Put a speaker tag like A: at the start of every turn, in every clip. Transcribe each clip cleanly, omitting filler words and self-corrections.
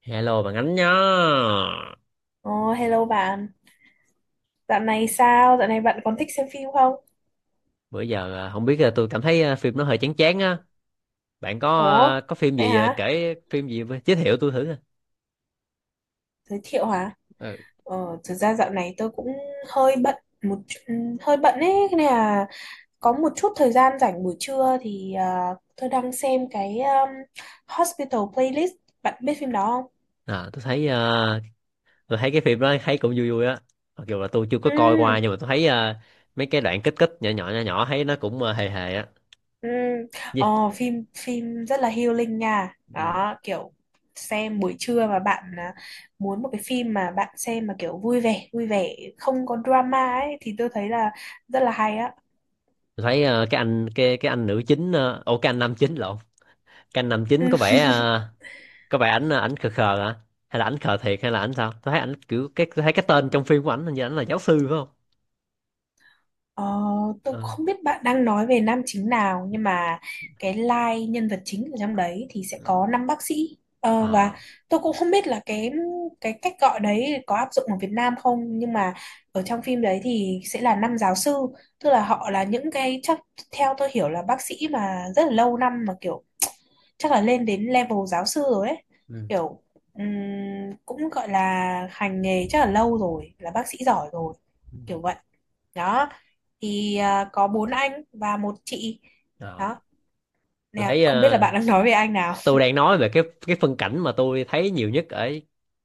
A: Hello bạn Ánh nhá.
B: Ồ, hello bạn. Dạo này sao? Dạo này bạn còn thích xem phim không?
A: Bữa giờ, không biết à, tôi cảm thấy phim nó hơi chán chán á. Bạn có
B: Ủa,
A: có phim
B: vậy
A: gì,
B: hả?
A: kể phim gì với- giới thiệu tôi thử coi.
B: Giới thiệu hả?
A: Ừ.
B: Thực ra dạo này tôi cũng hơi bận hơi bận ấy, thế nên là có một chút thời gian rảnh buổi trưa thì tôi đang xem cái Hospital Playlist. Bạn biết phim đó không?
A: À, tôi thấy cái phim đó thấy cũng vui vui á. Mặc dù là tôi chưa có
B: Ừ.
A: coi qua nhưng mà tôi thấy mấy cái đoạn kích kích nhỏ nhỏ nhỏ nhỏ thấy nó cũng hề hề á.
B: Ừ. Ờ,
A: Gì?
B: phim phim rất là healing nha,
A: Ừ.
B: đó kiểu xem buổi trưa mà bạn muốn một cái phim mà bạn xem mà kiểu vui vẻ không có drama ấy thì tôi thấy là rất là hay á.
A: Tôi thấy cái anh nữ chính ô cái anh nam chính lộn. Cái anh nam chính
B: Ừ.
A: có vẻ à, có vẻ ảnh à, ảnh khờ khờ hả, hay là ảnh khờ thiệt, hay là ảnh sao? Tôi thấy ảnh kiểu, tôi thấy cái tên trong phim của ảnh hình như ảnh là giáo sư phải không?
B: Ờ, tôi
A: Ờ,
B: không biết bạn đang nói về nam chính nào, nhưng mà cái line nhân vật chính ở trong đấy thì sẽ có năm bác sĩ.
A: ờ,
B: Ờ, và
A: à.
B: tôi cũng không biết là cái cách gọi đấy có áp dụng ở Việt Nam không, nhưng mà ở trong phim đấy thì sẽ là năm giáo sư, tức là họ là những cái, chắc theo tôi hiểu là bác sĩ mà rất là lâu năm, mà kiểu chắc là lên đến level giáo sư rồi ấy,
A: Ừ.
B: kiểu ừm, cũng gọi là hành nghề chắc là lâu rồi, là bác sĩ giỏi rồi
A: Ừ.
B: kiểu vậy đó. Thì có bốn anh và một chị
A: Ờ.
B: đó,
A: tôi
B: nè
A: thấy
B: không biết là
A: ờ,
B: bạn đang nói về anh nào.
A: tôi đang nói về cái phân cảnh mà tôi thấy nhiều nhất ở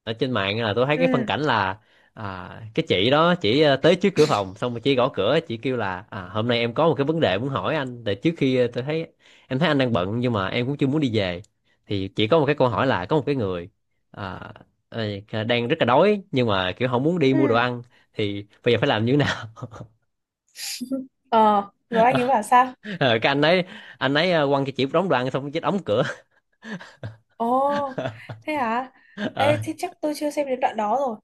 A: ở trên mạng, là tôi thấy cái phân
B: Ừ.
A: cảnh là cái chị đó chỉ, tới trước cửa phòng xong rồi chị gõ cửa chị kêu là, hôm nay em có một cái vấn đề muốn hỏi anh, để trước khi, ờ, tôi thấy em thấy anh đang bận nhưng mà em cũng chưa muốn đi về, thì chỉ có một cái câu hỏi là có một cái người, à, ờ, đang rất là đói nhưng mà kiểu không muốn đi mua đồ
B: Ừ.
A: ăn, thì bây giờ phải làm như thế nào?
B: ờ rồi anh ấy bảo sao?
A: Ờ, cái anh ấy quăng cho chị đóng đồ ăn xong chết đóng cửa.
B: Ồ, thế hả?
A: Ờ.
B: Ê, thì chắc tôi chưa xem đến đoạn đó rồi.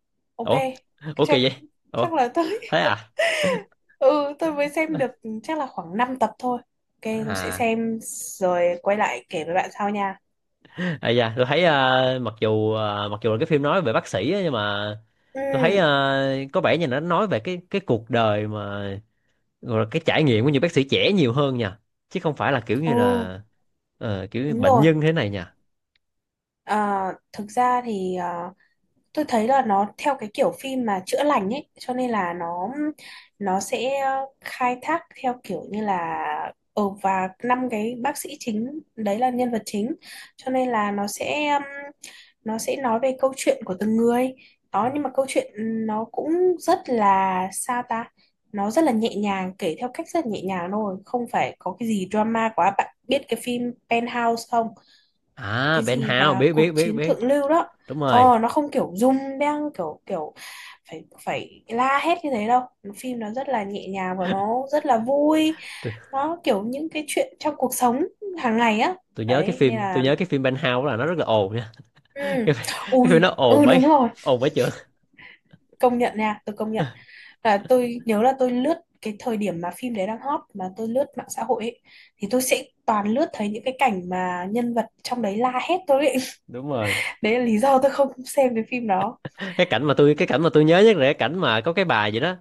A: Ủa,
B: Ok, chắc
A: kỳ vậy. Ủa?
B: chắc là tôi.
A: Thế à?
B: Ừ, tôi mới xem được chắc là khoảng 5 tập thôi. Ok, tôi sẽ
A: À,
B: xem rồi quay lại kể với bạn sau nha.
A: à, dạ, tôi thấy, mặc dù là cái phim nói về bác sĩ á, nhưng mà tôi thấy,
B: Ừ.
A: có vẻ như nó nói về cái cuộc đời mà rồi là cái trải nghiệm của những bác sĩ trẻ nhiều hơn nha, chứ không phải là kiểu như
B: Ồ, đúng
A: bệnh
B: rồi.
A: nhân thế này nha.
B: à, thực ra thì tôi thấy là nó theo cái kiểu phim mà chữa lành ấy, cho nên là nó sẽ khai thác theo kiểu như là ừ, và năm cái bác sĩ chính đấy là nhân vật chính, cho nên là nó sẽ nói về câu chuyện của từng người đó. Nhưng mà câu chuyện nó cũng rất là, sao ta, nó rất là nhẹ nhàng, kể theo cách rất là nhẹ nhàng thôi, không phải có cái gì drama quá. Bạn biết cái phim Penthouse không?
A: À,
B: Cái
A: Ben
B: gì
A: Hao,
B: mà
A: biết,
B: cuộc
A: biết, biết,
B: chiến
A: biết,
B: thượng lưu đó.
A: đúng rồi.
B: Nó không kiểu rung beng kiểu kiểu phải phải la hét như thế đâu. Phim nó rất là nhẹ nhàng và nó rất là vui,
A: tôi,
B: nó kiểu những cái chuyện trong cuộc sống hàng ngày á.
A: tôi nhớ cái
B: Đấy nên
A: phim tôi
B: là
A: nhớ cái phim Ben Hao là nó rất là ồn nha.
B: ừ.
A: cái, phim- cái phim
B: Ui,
A: nó ồn
B: ừ đúng
A: bấy,
B: rồi,
A: ồn bấy chữ.
B: công nhận nha, tôi công nhận là tôi nhớ là tôi lướt cái thời điểm mà phim đấy đang hot mà tôi lướt mạng xã hội ấy, thì tôi sẽ toàn lướt thấy những cái cảnh mà nhân vật trong đấy la hét tôi ấy.
A: Đúng rồi.
B: Đấy là lý do tôi không xem cái phim đó.
A: Cái cảnh mà tôi nhớ nhất là cái cảnh mà có cái bà gì đó,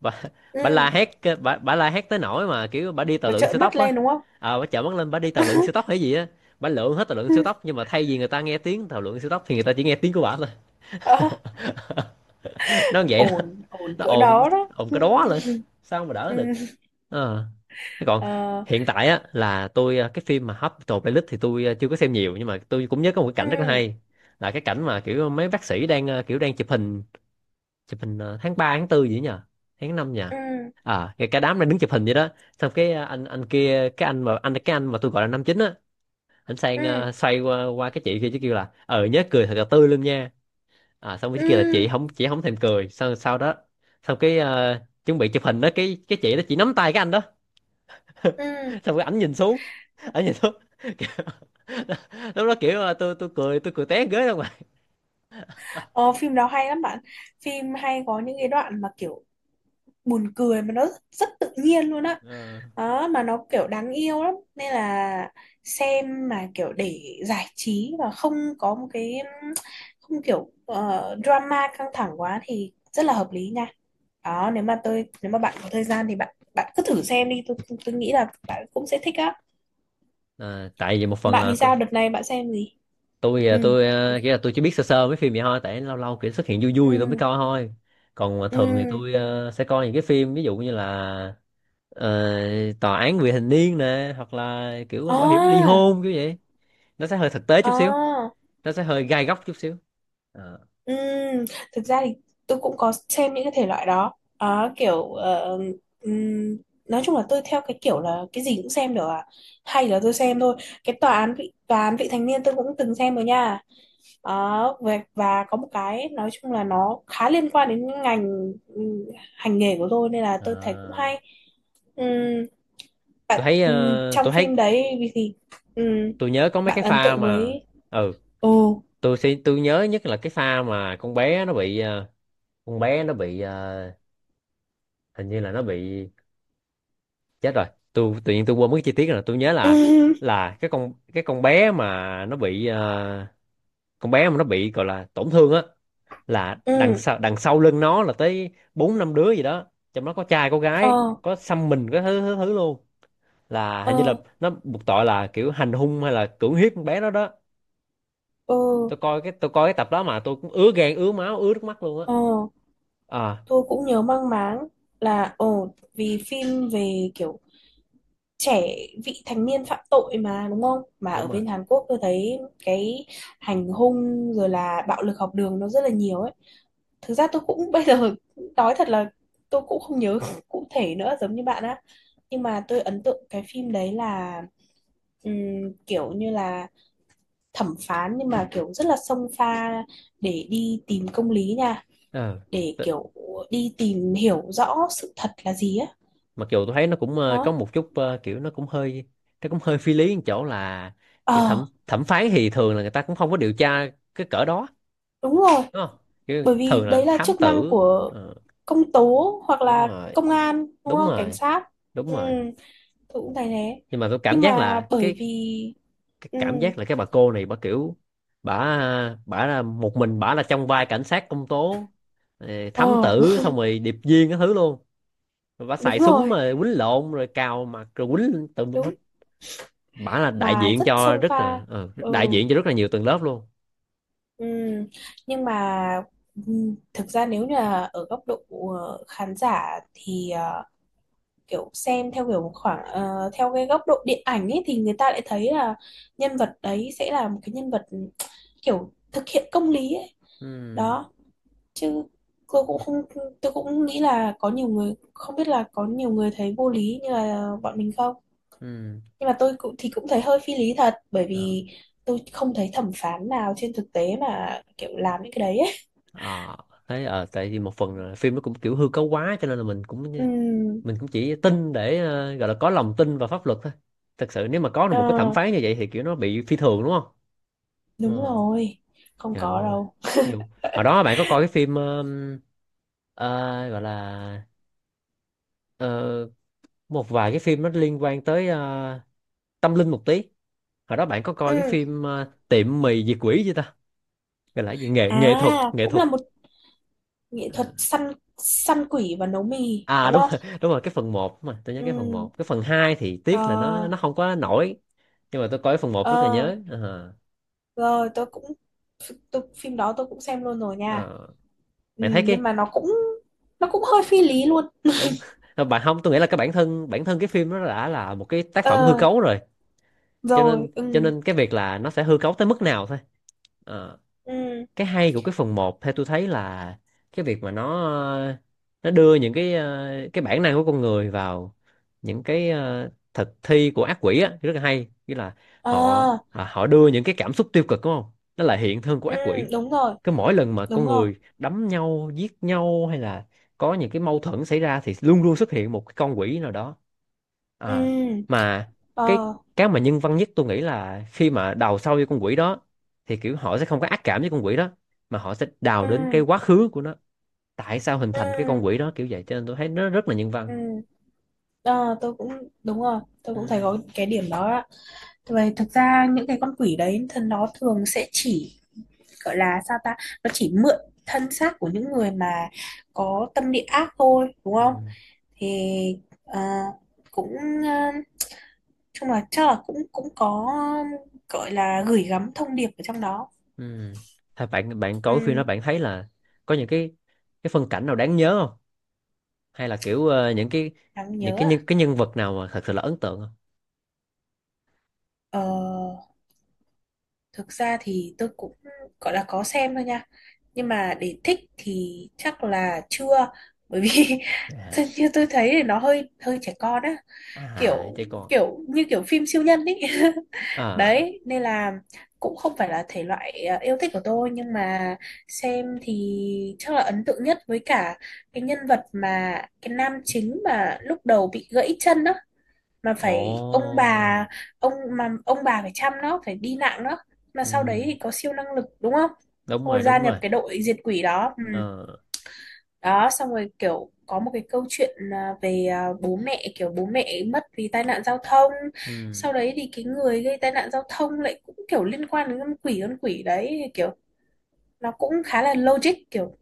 A: bà,
B: Ừ,
A: la hét, bà la hét tới nỗi mà kiểu bà đi tàu
B: nó
A: lượn siêu
B: trợn mắt
A: tốc á.
B: lên đúng không?
A: Bà chợt mắt lên, bà đi tàu lượn siêu tốc hay gì á. Bà lượn hết tàu lượn siêu tốc, nhưng mà thay vì người ta nghe tiếng tàu lượn siêu tốc thì người ta chỉ nghe tiếng của bà thôi.
B: Ờ,
A: Nó vậy đó.
B: ổn ổn
A: Nó
B: cỡ
A: ồn,
B: đó đó.
A: ồn
B: Ừ.
A: cái đó lên sao mà đỡ
B: Ừ.
A: được. Ờ, thế còn
B: Ờ.
A: hiện tại á, cái phim mà Hospital Playlist thì tôi, chưa có xem nhiều, nhưng mà tôi cũng nhớ có một cái cảnh rất là
B: Ừ.
A: hay, là cái cảnh mà kiểu mấy bác sĩ đang ờ, kiểu đang chụp hình, tháng 3, tháng 4 gì nhỉ, tháng 5 nhỉ?
B: Ừ.
A: À, cái đám đang đứng chụp hình vậy đó. Xong cái anh kia cái anh mà anh cái anh mà tôi gọi là 59 á.
B: Ừ.
A: Xoay qua cái chị kia chứ, kêu là, nhớ cười thật là tươi luôn nha. À, xong cái kia là chị
B: Ừ.
A: không chị không thèm cười, sau sau đó xong cái, chuẩn bị chụp hình đó, cái chị đó chị nắm tay cái anh đó.
B: Ừ.
A: Xong cái ảnh nhìn xuống, ảnh nhìn xuống. Lúc đó kiểu, tôi cười té ghế luôn mà.
B: Ờ, phim đó hay lắm bạn. Phim hay, có những cái đoạn mà kiểu buồn cười mà nó rất tự nhiên luôn á.
A: Ờ.
B: Đó, mà nó kiểu đáng yêu lắm, nên là xem mà kiểu để giải trí và không có một cái, không kiểu drama căng thẳng quá, thì rất là hợp lý nha. Đó, nếu mà bạn có thời gian thì bạn bạn cứ thử xem đi, tôi nghĩ là bạn cũng sẽ thích á.
A: À, tại vì một phần
B: Bạn
A: là
B: thì
A: tôi
B: sao, đợt này bạn xem gì?
A: tôi à,
B: Ừ.
A: tôi à, nghĩa là tôi chỉ biết sơ sơ mấy phim vậy thôi, tại lâu lâu kiểu xuất hiện vui vui tôi mới
B: Ừ.
A: coi thôi. Còn mà
B: Ừ.
A: thường thì tôi, sẽ coi những cái phim ví dụ như là, ờ, tòa án vì hình niên nè, hoặc là kiểu bảo hiểm ly
B: À.
A: hôn kiểu vậy. Nó sẽ hơi thực tế chút xíu,
B: À.
A: nó sẽ hơi gai góc chút xíu. Ờ.
B: Ừ, thực ra thì tôi cũng có xem những cái thể loại đó. Đó, kiểu ừm, nói chung là tôi theo cái kiểu là cái gì cũng xem được à, hay là tôi xem thôi. Cái tòa án vị thành niên tôi cũng từng xem rồi nha. Đó, và có một cái, nói chung là nó khá liên quan đến ngành hành nghề của tôi, nên là
A: Ờ.
B: tôi thấy cũng hay. Ừm,
A: tôi
B: bạn
A: thấy
B: ừm,
A: ờ,
B: trong
A: tôi
B: phim
A: thấy
B: đấy vì thì ừm,
A: tôi nhớ có mấy
B: bạn
A: cái
B: ấn
A: pha
B: tượng
A: mà,
B: với...
A: ừ,
B: Ồ.
A: tôi nhớ nhất là cái pha mà con bé nó bị ờ, con bé nó bị ờ, hình như là nó bị chết rồi. Tôi tự nhiên quên mất cái chi tiết rồi. Tôi nhớ là
B: Ừ.
A: là cái con bé mà nó bị gọi là tổn thương á, là đằng
B: Ừ.
A: sau đằng sau lưng nó là tới bốn năm đứa gì đó, trong đó có trai có gái,
B: Ờ.
A: có xăm mình cái thứ thứ thứ luôn, là hình như là
B: Ờ.
A: nó buộc tội là kiểu hành hung hay là cưỡng hiếp con bé đó đó.
B: Ờ.
A: Tôi coi cái tập đó mà tôi cũng ứa gan ứa máu ứa nước mắt luôn á.
B: Ờ.
A: À,
B: Tôi cũng nhớ mang máng là, ồ vì phim về kiểu trẻ vị thành niên phạm tội mà đúng không? Mà
A: đúng
B: ở
A: rồi.
B: bên Hàn Quốc tôi thấy cái hành hung rồi là bạo lực học đường nó rất là nhiều ấy. Thực ra tôi cũng bây giờ nói thật là tôi cũng không nhớ cụ thể nữa, giống như bạn á. Nhưng mà tôi ấn tượng cái phim đấy là kiểu như là thẩm phán nhưng mà kiểu rất là xông pha để đi tìm công lý nha,
A: Ờ.
B: để kiểu đi tìm hiểu rõ sự thật là gì á.
A: Mặc dù tôi thấy nó cũng, có
B: Đó.
A: một chút, kiểu nó cũng hơi phi lý ở chỗ là, kiểu thẩm
B: Ờ,
A: thẩm phán thì thường là người ta cũng không có điều tra cái cỡ đó,
B: đúng rồi,
A: đúng không? Kiểu
B: bởi
A: thường
B: vì
A: là
B: đấy là
A: thám
B: chức năng
A: tử.
B: của
A: Ờ.
B: công tố hoặc
A: Đúng
B: là
A: rồi,
B: công an, đúng
A: đúng
B: không, cảnh
A: rồi,
B: sát.
A: đúng
B: Ừ,
A: rồi.
B: tôi cũng thấy thế.
A: Nhưng mà tôi cảm
B: Nhưng
A: giác
B: mà
A: là
B: bởi vì
A: cái
B: ừ.
A: cảm giác là cái bà cô này bà kiểu, bả bả là một mình bả, là trong vai cảnh sát, công tố,
B: Ờ
A: thám tử, xong rồi điệp viên cái thứ luôn. Rồi bả
B: đúng
A: xài súng
B: rồi,
A: mà quýnh lộn rồi cào mặt rồi quýnh tùm lum hết.
B: đúng,
A: Bả là đại
B: mà
A: diện
B: rất
A: cho
B: xông
A: rất
B: pha.
A: là,
B: Ừ.
A: nhiều tầng lớp luôn.
B: Ừ. Nhưng mà ừ, thực ra nếu như là ở góc độ khán giả thì kiểu xem theo kiểu khoảng theo cái góc độ điện ảnh ấy thì người ta lại thấy là nhân vật đấy sẽ là một cái nhân vật kiểu thực hiện công lý ấy.
A: Ừ,
B: Đó, chứ tôi cũng không tôi cũng nghĩ là có nhiều người, không biết là có nhiều người thấy vô lý như là bọn mình không.
A: ừ,
B: Nhưng mà tôi cũng thì cũng thấy hơi phi lý thật, bởi
A: ờ.
B: vì tôi không thấy thẩm phán nào trên thực tế mà kiểu làm những cái đấy ấy.
A: Ờ, thế, tại vì một phần là phim nó cũng kiểu hư cấu quá cho nên là
B: Ừ.
A: mình cũng chỉ tin để, gọi là có lòng tin vào pháp luật thôi. Thật sự nếu mà có được một cái thẩm
B: ờ,
A: phán như vậy thì kiểu nó bị phi thường, đúng không?
B: đúng
A: Ừ.
B: rồi, không
A: Trời
B: có
A: ơi.
B: đâu.
A: Nhiều hồi đó bạn có coi cái phim, ờ, gọi là, ờ, một vài cái phim nó liên quan tới, tâm linh một tí, hồi đó bạn có coi cái
B: Ừ.
A: phim, tiệm mì diệt quỷ chưa ta? Gọi là cái gì, nghệ
B: À,
A: nghệ thuật nghệ
B: cũng
A: thuật.
B: là một nghệ thuật
A: Ờ.
B: săn săn quỷ và nấu mì
A: À,
B: đúng
A: đúng
B: không?
A: rồi, đúng rồi, cái
B: Ừ.
A: phần một, cái phần 2 thì tiếc là nó
B: Ờ.
A: nó không quá nổi, nhưng mà tôi coi cái phần một rất là
B: Ờ,
A: nhớ. Ờ.
B: rồi tôi, phim đó tôi cũng xem luôn rồi nha.
A: Ờ.
B: Ừ,
A: bạn thấy cái
B: nhưng mà nó cũng hơi phi lý luôn.
A: Đúng. bạn không Tôi nghĩ là cái bản thân cái phim nó đã là một cái tác phẩm hư
B: Ờ,
A: cấu rồi, cho
B: rồi.
A: nên cho
B: Ừ.
A: nên cái việc là nó sẽ hư cấu tới mức nào thôi. Ờ.
B: Ừ.
A: Cái hay của cái phần một theo tôi thấy là cái việc mà ờ, nó đưa những cái, cái bản năng của con người vào những cái, thực thi của ác quỷ á, rất là hay. Nghĩa là họ
B: Ờ.
A: họ họ đưa những cái cảm xúc tiêu cực, đúng không, nó là hiện thân của
B: Ừ
A: ác quỷ.
B: đúng rồi.
A: Cứ mỗi lần mà
B: Đúng
A: con
B: rồi.
A: người đấm nhau giết nhau, hay là có những cái mâu thuẫn xảy ra thì luôn luôn xuất hiện một cái con quỷ nào đó. À,
B: Ừ.
A: mà cái
B: Ờ.
A: cái mà nhân văn nhất tôi nghĩ là khi mà đào sâu vô con quỷ đó thì kiểu họ sẽ không có ác cảm với con quỷ đó, mà họ sẽ đào đến cái
B: Ừ.
A: quá khứ của nó, tại sao hình
B: Ừ.
A: thành cái con quỷ đó kiểu vậy, cho nên tôi thấy nó rất là nhân văn.
B: Ừ. Ờ, tôi cũng, đúng rồi, tôi cũng thấy
A: Ừ.
B: có cái điểm đó ạ. Vậy thực ra những cái con quỷ đấy thì nó thường sẽ chỉ, gọi là sao ta, nó chỉ mượn thân xác của những người mà có tâm địa ác thôi, đúng
A: Ừ.
B: không? Thì ờ, cũng ờ, chung là chắc là cũng cũng có, gọi là gửi gắm thông điệp ở trong đó.
A: Ừ. Thôi, bạn bạn coi phim đó
B: Ừ.
A: bạn thấy là có những cái phân cảnh nào đáng nhớ không, hay là kiểu, những cái,
B: Đáng nhớ à?
A: nhân vật nào mà thật sự là ấn tượng không?
B: Ờ, thực ra thì tôi cũng gọi là có xem thôi nha. Nhưng mà để thích thì chắc là chưa. Bởi vì thật
A: À.
B: như tôi thấy thì nó hơi hơi trẻ con á,
A: À.
B: kiểu
A: Chứ còn,
B: kiểu như kiểu phim siêu nhân ấy.
A: à,
B: Đấy, nên là cũng không phải là thể loại yêu thích của tôi, nhưng mà xem thì chắc là ấn tượng nhất với cả cái nhân vật mà cái nam chính mà lúc đầu bị gãy chân đó, mà phải ông bà,
A: ồ,
B: ông bà phải chăm nó phải đi nặng nó, mà sau đấy
A: ừ,
B: thì có siêu năng lực đúng không?
A: đúng
B: Xong rồi
A: rồi,
B: gia
A: đúng
B: nhập
A: rồi,
B: cái đội diệt quỷ đó. Ừ.
A: ờ,
B: Đó, xong rồi kiểu có một cái câu chuyện về bố mẹ mất vì tai nạn giao thông.
A: ừ,
B: Sau đấy thì cái người gây tai nạn giao thông lại cũng kiểu liên quan đến con quỷ đấy, kiểu nó cũng khá là logic, kiểu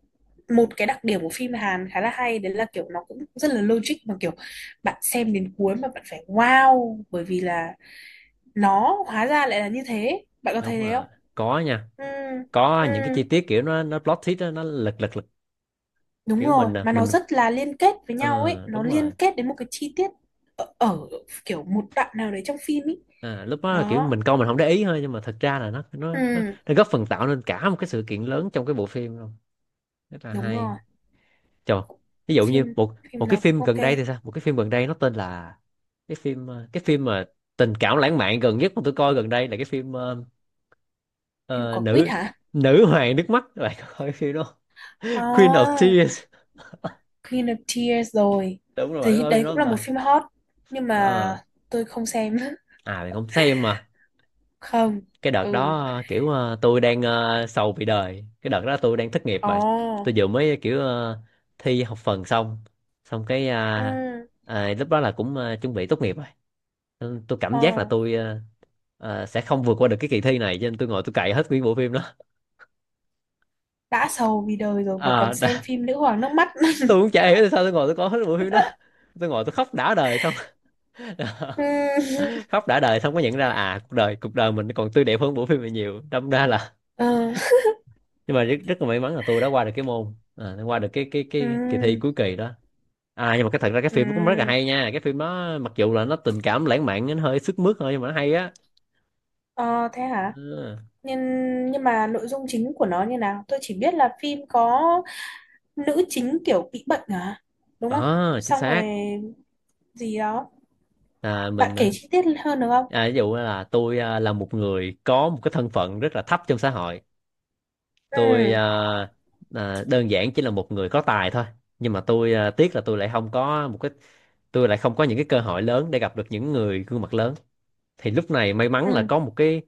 B: một cái đặc điểm của phim Hàn khá là hay đấy là kiểu nó cũng rất là logic, mà kiểu bạn xem đến cuối mà bạn phải wow bởi vì là nó hóa ra lại là như thế. Bạn có thấy
A: đúng
B: thế
A: rồi.
B: không?
A: Có nha.
B: Ừ.
A: Có
B: Ừ,
A: những cái chi tiết kiểu nó plot twist đó, nó lật lật.
B: đúng
A: Kiểu
B: rồi,
A: mình à
B: mà nó
A: mình
B: rất là liên kết với nhau ấy,
A: ờ,
B: nó
A: đúng
B: liên
A: rồi.
B: kết đến một cái chi tiết ở kiểu một đoạn nào đấy trong phim ấy.
A: À, lúc đó là kiểu
B: Đó.
A: mình coi mình không để ý thôi, nhưng mà thật ra là nó nó nó,
B: Ừ,
A: nó góp phần tạo nên cả một cái sự kiện lớn trong cái bộ phim luôn, rất là
B: đúng
A: hay.
B: rồi.
A: Trời, ví dụ như
B: phim
A: một một
B: phim
A: cái
B: nào cũng
A: phim
B: ok.
A: gần đây thì sao, một cái phim gần đây nó tên là, cái phim mà tình cảm lãng mạn gần nhất mà tôi coi gần đây là cái phim
B: Phim
A: ờ,
B: có quýt
A: nữ
B: hả?
A: nữ hoàng nước mắt, các bạn có coi cái phim đó không? Queen of
B: À,
A: Tears.
B: Queen of Tears rồi,
A: Đúng rồi, bạn
B: thì
A: coi phim
B: đấy
A: đó
B: cũng
A: không
B: là một
A: ta?
B: phim hot, nhưng mà
A: Ờ.
B: tôi không xem.
A: À, bạn không xem mà.
B: Không.
A: Cái đợt
B: Ừ.
A: đó, kiểu, tôi đang sầu vì đời. Cái đợt đó tôi đang thất nghiệp bạn. Tôi
B: Ồ.
A: vừa mới kiểu thi học phần xong. Xong cái,
B: Ừ.
A: lúc đó là cũng chuẩn bị tốt nghiệp rồi. Nên tôi cảm
B: Ờ,
A: giác là tôi sẽ không vượt qua được cái kỳ thi này, cho nên tôi ngồi tôi cày hết nguyên bộ phim đó.
B: đã sầu vì đời rồi mà còn
A: Ờ, đã-
B: xem phim Nữ hoàng nước mắt.
A: tôi cũng chả hiểu tại sao tôi ngồi tôi coi hết bộ phim đó. Tôi ngồi tôi khóc đã đời xong.
B: Ừm,
A: Khóc đã đời xong mới nhận ra là à, cuộc đời mình còn tươi đẹp hơn bộ phim này nhiều, đâm ra là
B: ờ,
A: nhưng mà rất, rất là may mắn là tôi đã qua được cái môn, à, qua được cái kỳ thi
B: ừm,
A: cuối kỳ đó. À, nhưng mà cái thật ra cái phim nó cũng rất là
B: ừm.
A: hay nha, cái phim nó mặc dù là nó tình cảm lãng mạn nó hơi sức mướt thôi nhưng mà nó hay á.
B: Ờ, thế hả?
A: à,
B: Nhưng nhưng mà nội dung chính của nó như nào? Tôi chỉ biết là phim có nữ chính kiểu bị bệnh à? Đúng không?
A: à, chính
B: Xong rồi
A: xác.
B: gì đó.
A: Là
B: Bạn
A: mình,
B: kể chi tiết hơn được không?
A: ví dụ là tôi, là một người có một cái thân phận rất là thấp trong xã hội. Tôi,
B: Ừ.
A: đơn giản chỉ là một người có tài thôi, nhưng mà tôi, à, tiếc là tôi lại không có một cái, tôi lại không có những cái cơ hội lớn để gặp được những người gương mặt lớn. Thì lúc này may mắn là
B: Ừ.
A: có một cái,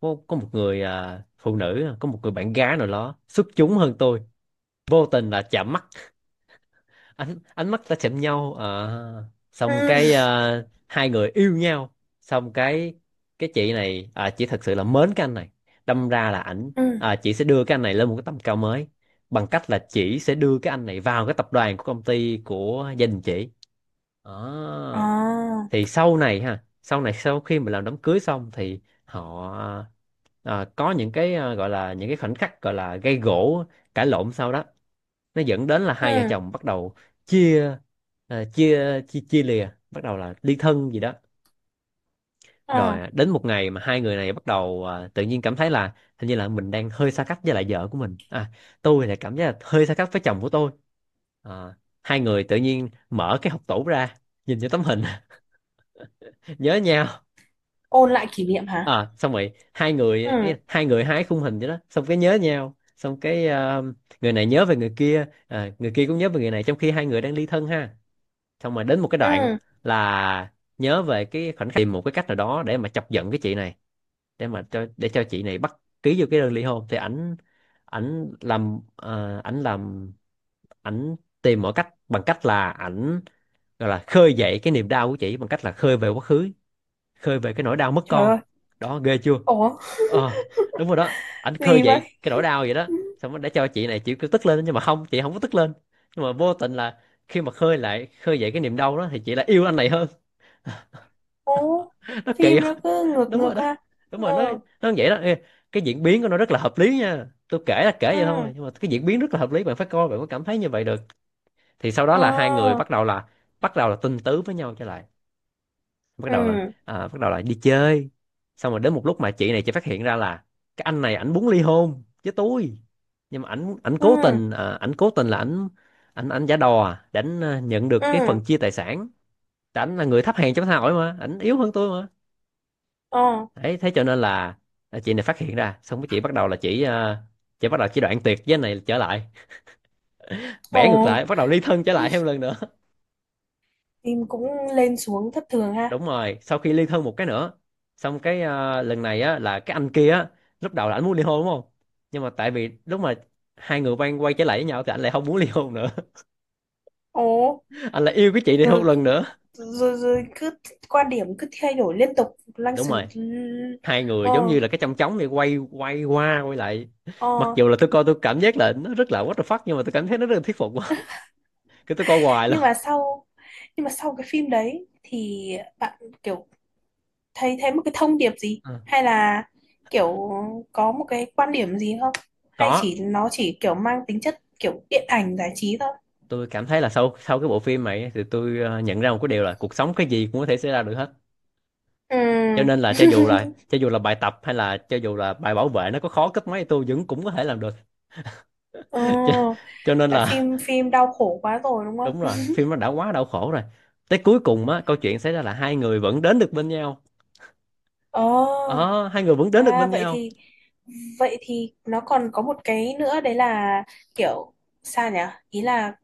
A: có một người, à, phụ nữ, có một người bạn gái nào đó xuất chúng hơn tôi. Vô tình là chạm mắt, ánh ánh mắt đã chạm nhau. Ờ.
B: Ừ.
A: Xong cái à, hai người yêu nhau. Xong cái chị này à, chị thật sự là mến cái anh này, đâm ra là ảnh,
B: Ừ.
A: à, chị sẽ đưa cái anh này lên một cái tầm cao mới, bằng cách là chị sẽ đưa cái anh này vào cái tập đoàn, của công ty của gia đình chị. Đó.
B: À,
A: Thì sau này ha, sau này sau khi mà làm đám cưới xong thì họ, à, có những cái, à, gọi là những cái khoảnh khắc gọi là gây gổ, cãi lộn. Sau đó nó dẫn đến là hai vợ
B: ừ.
A: chồng bắt đầu chia, à, chia chia chia lìa, bắt đầu là ly thân gì đó. Rồi,
B: Ờ.
A: à, đến một ngày mà hai người này bắt đầu, à, tự nhiên cảm thấy là hình như là mình đang hơi xa cách với lại vợ của mình, à, tôi lại cảm giác là hơi xa cách với chồng của tôi. À, hai người tự nhiên mở cái hộp tủ ra, nhìn cho tấm hình, nhớ nhau.
B: Ôn lại kỷ niệm hả?
A: À, xong rồi
B: Ừ.
A: hai người hái khung hình vậy đó, xong cái nhớ nhau, xong cái, người này nhớ về người kia, à, người kia cũng nhớ về người này, trong khi hai người đang ly thân ha. Xong rồi đến một cái đoạn
B: Ừ.
A: là nhớ về cái khoản tìm một cái cách nào đó để mà chọc giận cái chị này, để mà cho để cho chị này bắt ký vô cái đơn ly hôn. Thì ảnh, ảnh làm, ảnh tìm mọi cách, bằng cách là ảnh gọi là khơi dậy cái niềm đau của chị bằng cách là khơi về quá khứ, khơi về cái nỗi đau mất
B: Trời
A: con.
B: ơi.
A: Đó, ghê chưa.
B: Ủa,
A: Ờ, đúng rồi đó, ảnh khơi
B: gì
A: dậy
B: vậy?
A: cái nỗi đau vậy đó. Xong rồi để cho chị này chịu cứ tức lên, nhưng mà không, chị không có tức lên, nhưng mà vô tình là khi mà khơi dậy cái niềm đau đó thì chị lại yêu anh này hơn.
B: Ồ,
A: Nó kỳ
B: phim nó
A: không?
B: cứ ngược
A: Đúng
B: ngược
A: rồi đó,
B: ha.
A: đúng rồi nó
B: Ừ.
A: nó vậy đó. Ê, cái diễn biến của nó rất là hợp lý nha, tôi kể là kể vậy
B: Ừ.
A: thôi nhưng mà cái diễn biến rất là hợp lý, bạn phải coi bạn mới cảm thấy như vậy được. Thì sau đó là hai người
B: Ờ.
A: bắt đầu là, tình tứ với nhau trở lại,
B: Ừ.
A: bắt đầu là đi chơi. Xong rồi đến một lúc mà chị này chị phát hiện ra là cái anh này ảnh muốn ly hôn với tôi, nhưng mà ảnh ảnh cố
B: Ừ.
A: tình, à, ảnh cố tình là ảnh ảnh ảnh giả đò, à, để ảnh, à, nhận được cái
B: Ừ.
A: phần chia tài sản. Tại ảnh là người thấp hèn trong xã hội mà, ảnh yếu hơn tôi mà.
B: Ờ.
A: Đấy thế cho nên là, à, chị này phát hiện ra, xong cái chị bắt đầu chị đoạn tuyệt với anh này trở lại,
B: Ồ,
A: bẻ ngược lại, bắt đầu ly thân trở lại thêm lần nữa.
B: phim cũng lên xuống thất thường ha.
A: Đúng rồi, sau khi ly thân một cái nữa, xong cái, lần này á là cái anh kia á, lúc đầu là anh muốn ly hôn đúng không, nhưng mà tại vì lúc mà hai người quay quay trở lại với nhau thì anh lại không muốn ly hôn nữa.
B: Ồ,
A: Anh lại yêu cái chị này
B: rồi
A: một
B: cứ
A: lần nữa.
B: rồi cứ quan điểm cứ thay đổi liên tục lăng
A: Đúng
B: xăng.
A: rồi, hai người giống
B: Ờ.
A: như là cái chong chóng này quay quay qua quay lại. Mặc
B: Ờ.
A: dù là tôi coi tôi cảm giác là nó rất là what the fuck, nhưng mà tôi cảm thấy nó rất là thuyết phục quá. Cái tôi coi hoài luôn.
B: nhưng mà sau nhưng mà sau cái phim đấy thì bạn kiểu thấy thấy một cái thông điệp gì,
A: Ờ.
B: hay là kiểu có một cái quan điểm gì không, hay
A: Có,
B: nó chỉ kiểu mang tính chất kiểu điện ảnh giải trí thôi?
A: tôi cảm thấy là sau sau cái bộ phim này thì tôi nhận ra một cái điều là cuộc sống cái gì cũng có thể xảy ra được hết, cho
B: Ừ.
A: nên là cho dù là bài tập hay là cho dù là bài bảo vệ nó có khó cấp mấy thì tôi vẫn cũng có thể làm được.
B: Ừ,
A: cho, cho nên
B: tại
A: là
B: phim phim đau khổ quá rồi đúng không?
A: đúng rồi, phim nó đã quá đau khổ rồi. Tới cuối cùng á, câu chuyện xảy ra là hai người vẫn đến được bên nhau.
B: Ờ.
A: Ờ Hai người vẫn đến được
B: À,
A: bên
B: vậy
A: nhau.
B: thì vậy thì nó còn có một cái nữa đấy là kiểu, sao nhỉ, ý là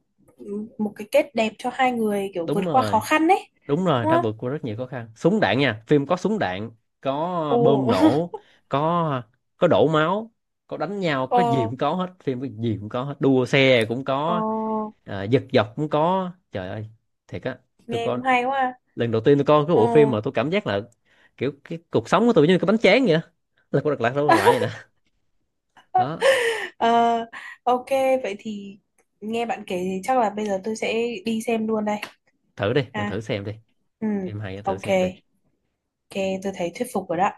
B: một cái kết đẹp cho hai người kiểu vượt
A: Đúng
B: qua khó
A: rồi,
B: khăn đấy
A: đúng rồi,
B: đúng
A: đã
B: không?
A: vượt qua rất nhiều khó khăn, súng đạn nha, phim có súng đạn, có
B: Ồ.
A: bơm nổ, có có đổ máu, có đánh nhau, có gì cũng
B: Ồ.
A: có hết. Phim có gì cũng có hết, đua xe cũng có,
B: Ồ,
A: à, giật dọc cũng có, trời ơi, thiệt á. Tôi
B: nghe
A: có
B: cũng hay quá.
A: Lần đầu tiên tôi coi cái
B: Ờ.
A: bộ phim mà tôi cảm giác là kiểu cái cuộc sống của tôi như cái bánh tráng vậy á, là cô đặt lại đâu đặt lại vậy nè. Đó.
B: ờ, ok, vậy thì nghe bạn kể thì chắc là bây giờ tôi sẽ đi xem luôn đây.
A: Thử đi bạn,
B: À.
A: thử xem đi,
B: Ừ.
A: phim hay á, thử
B: Ok,
A: xem đi.
B: ok tôi thấy thuyết phục rồi đó.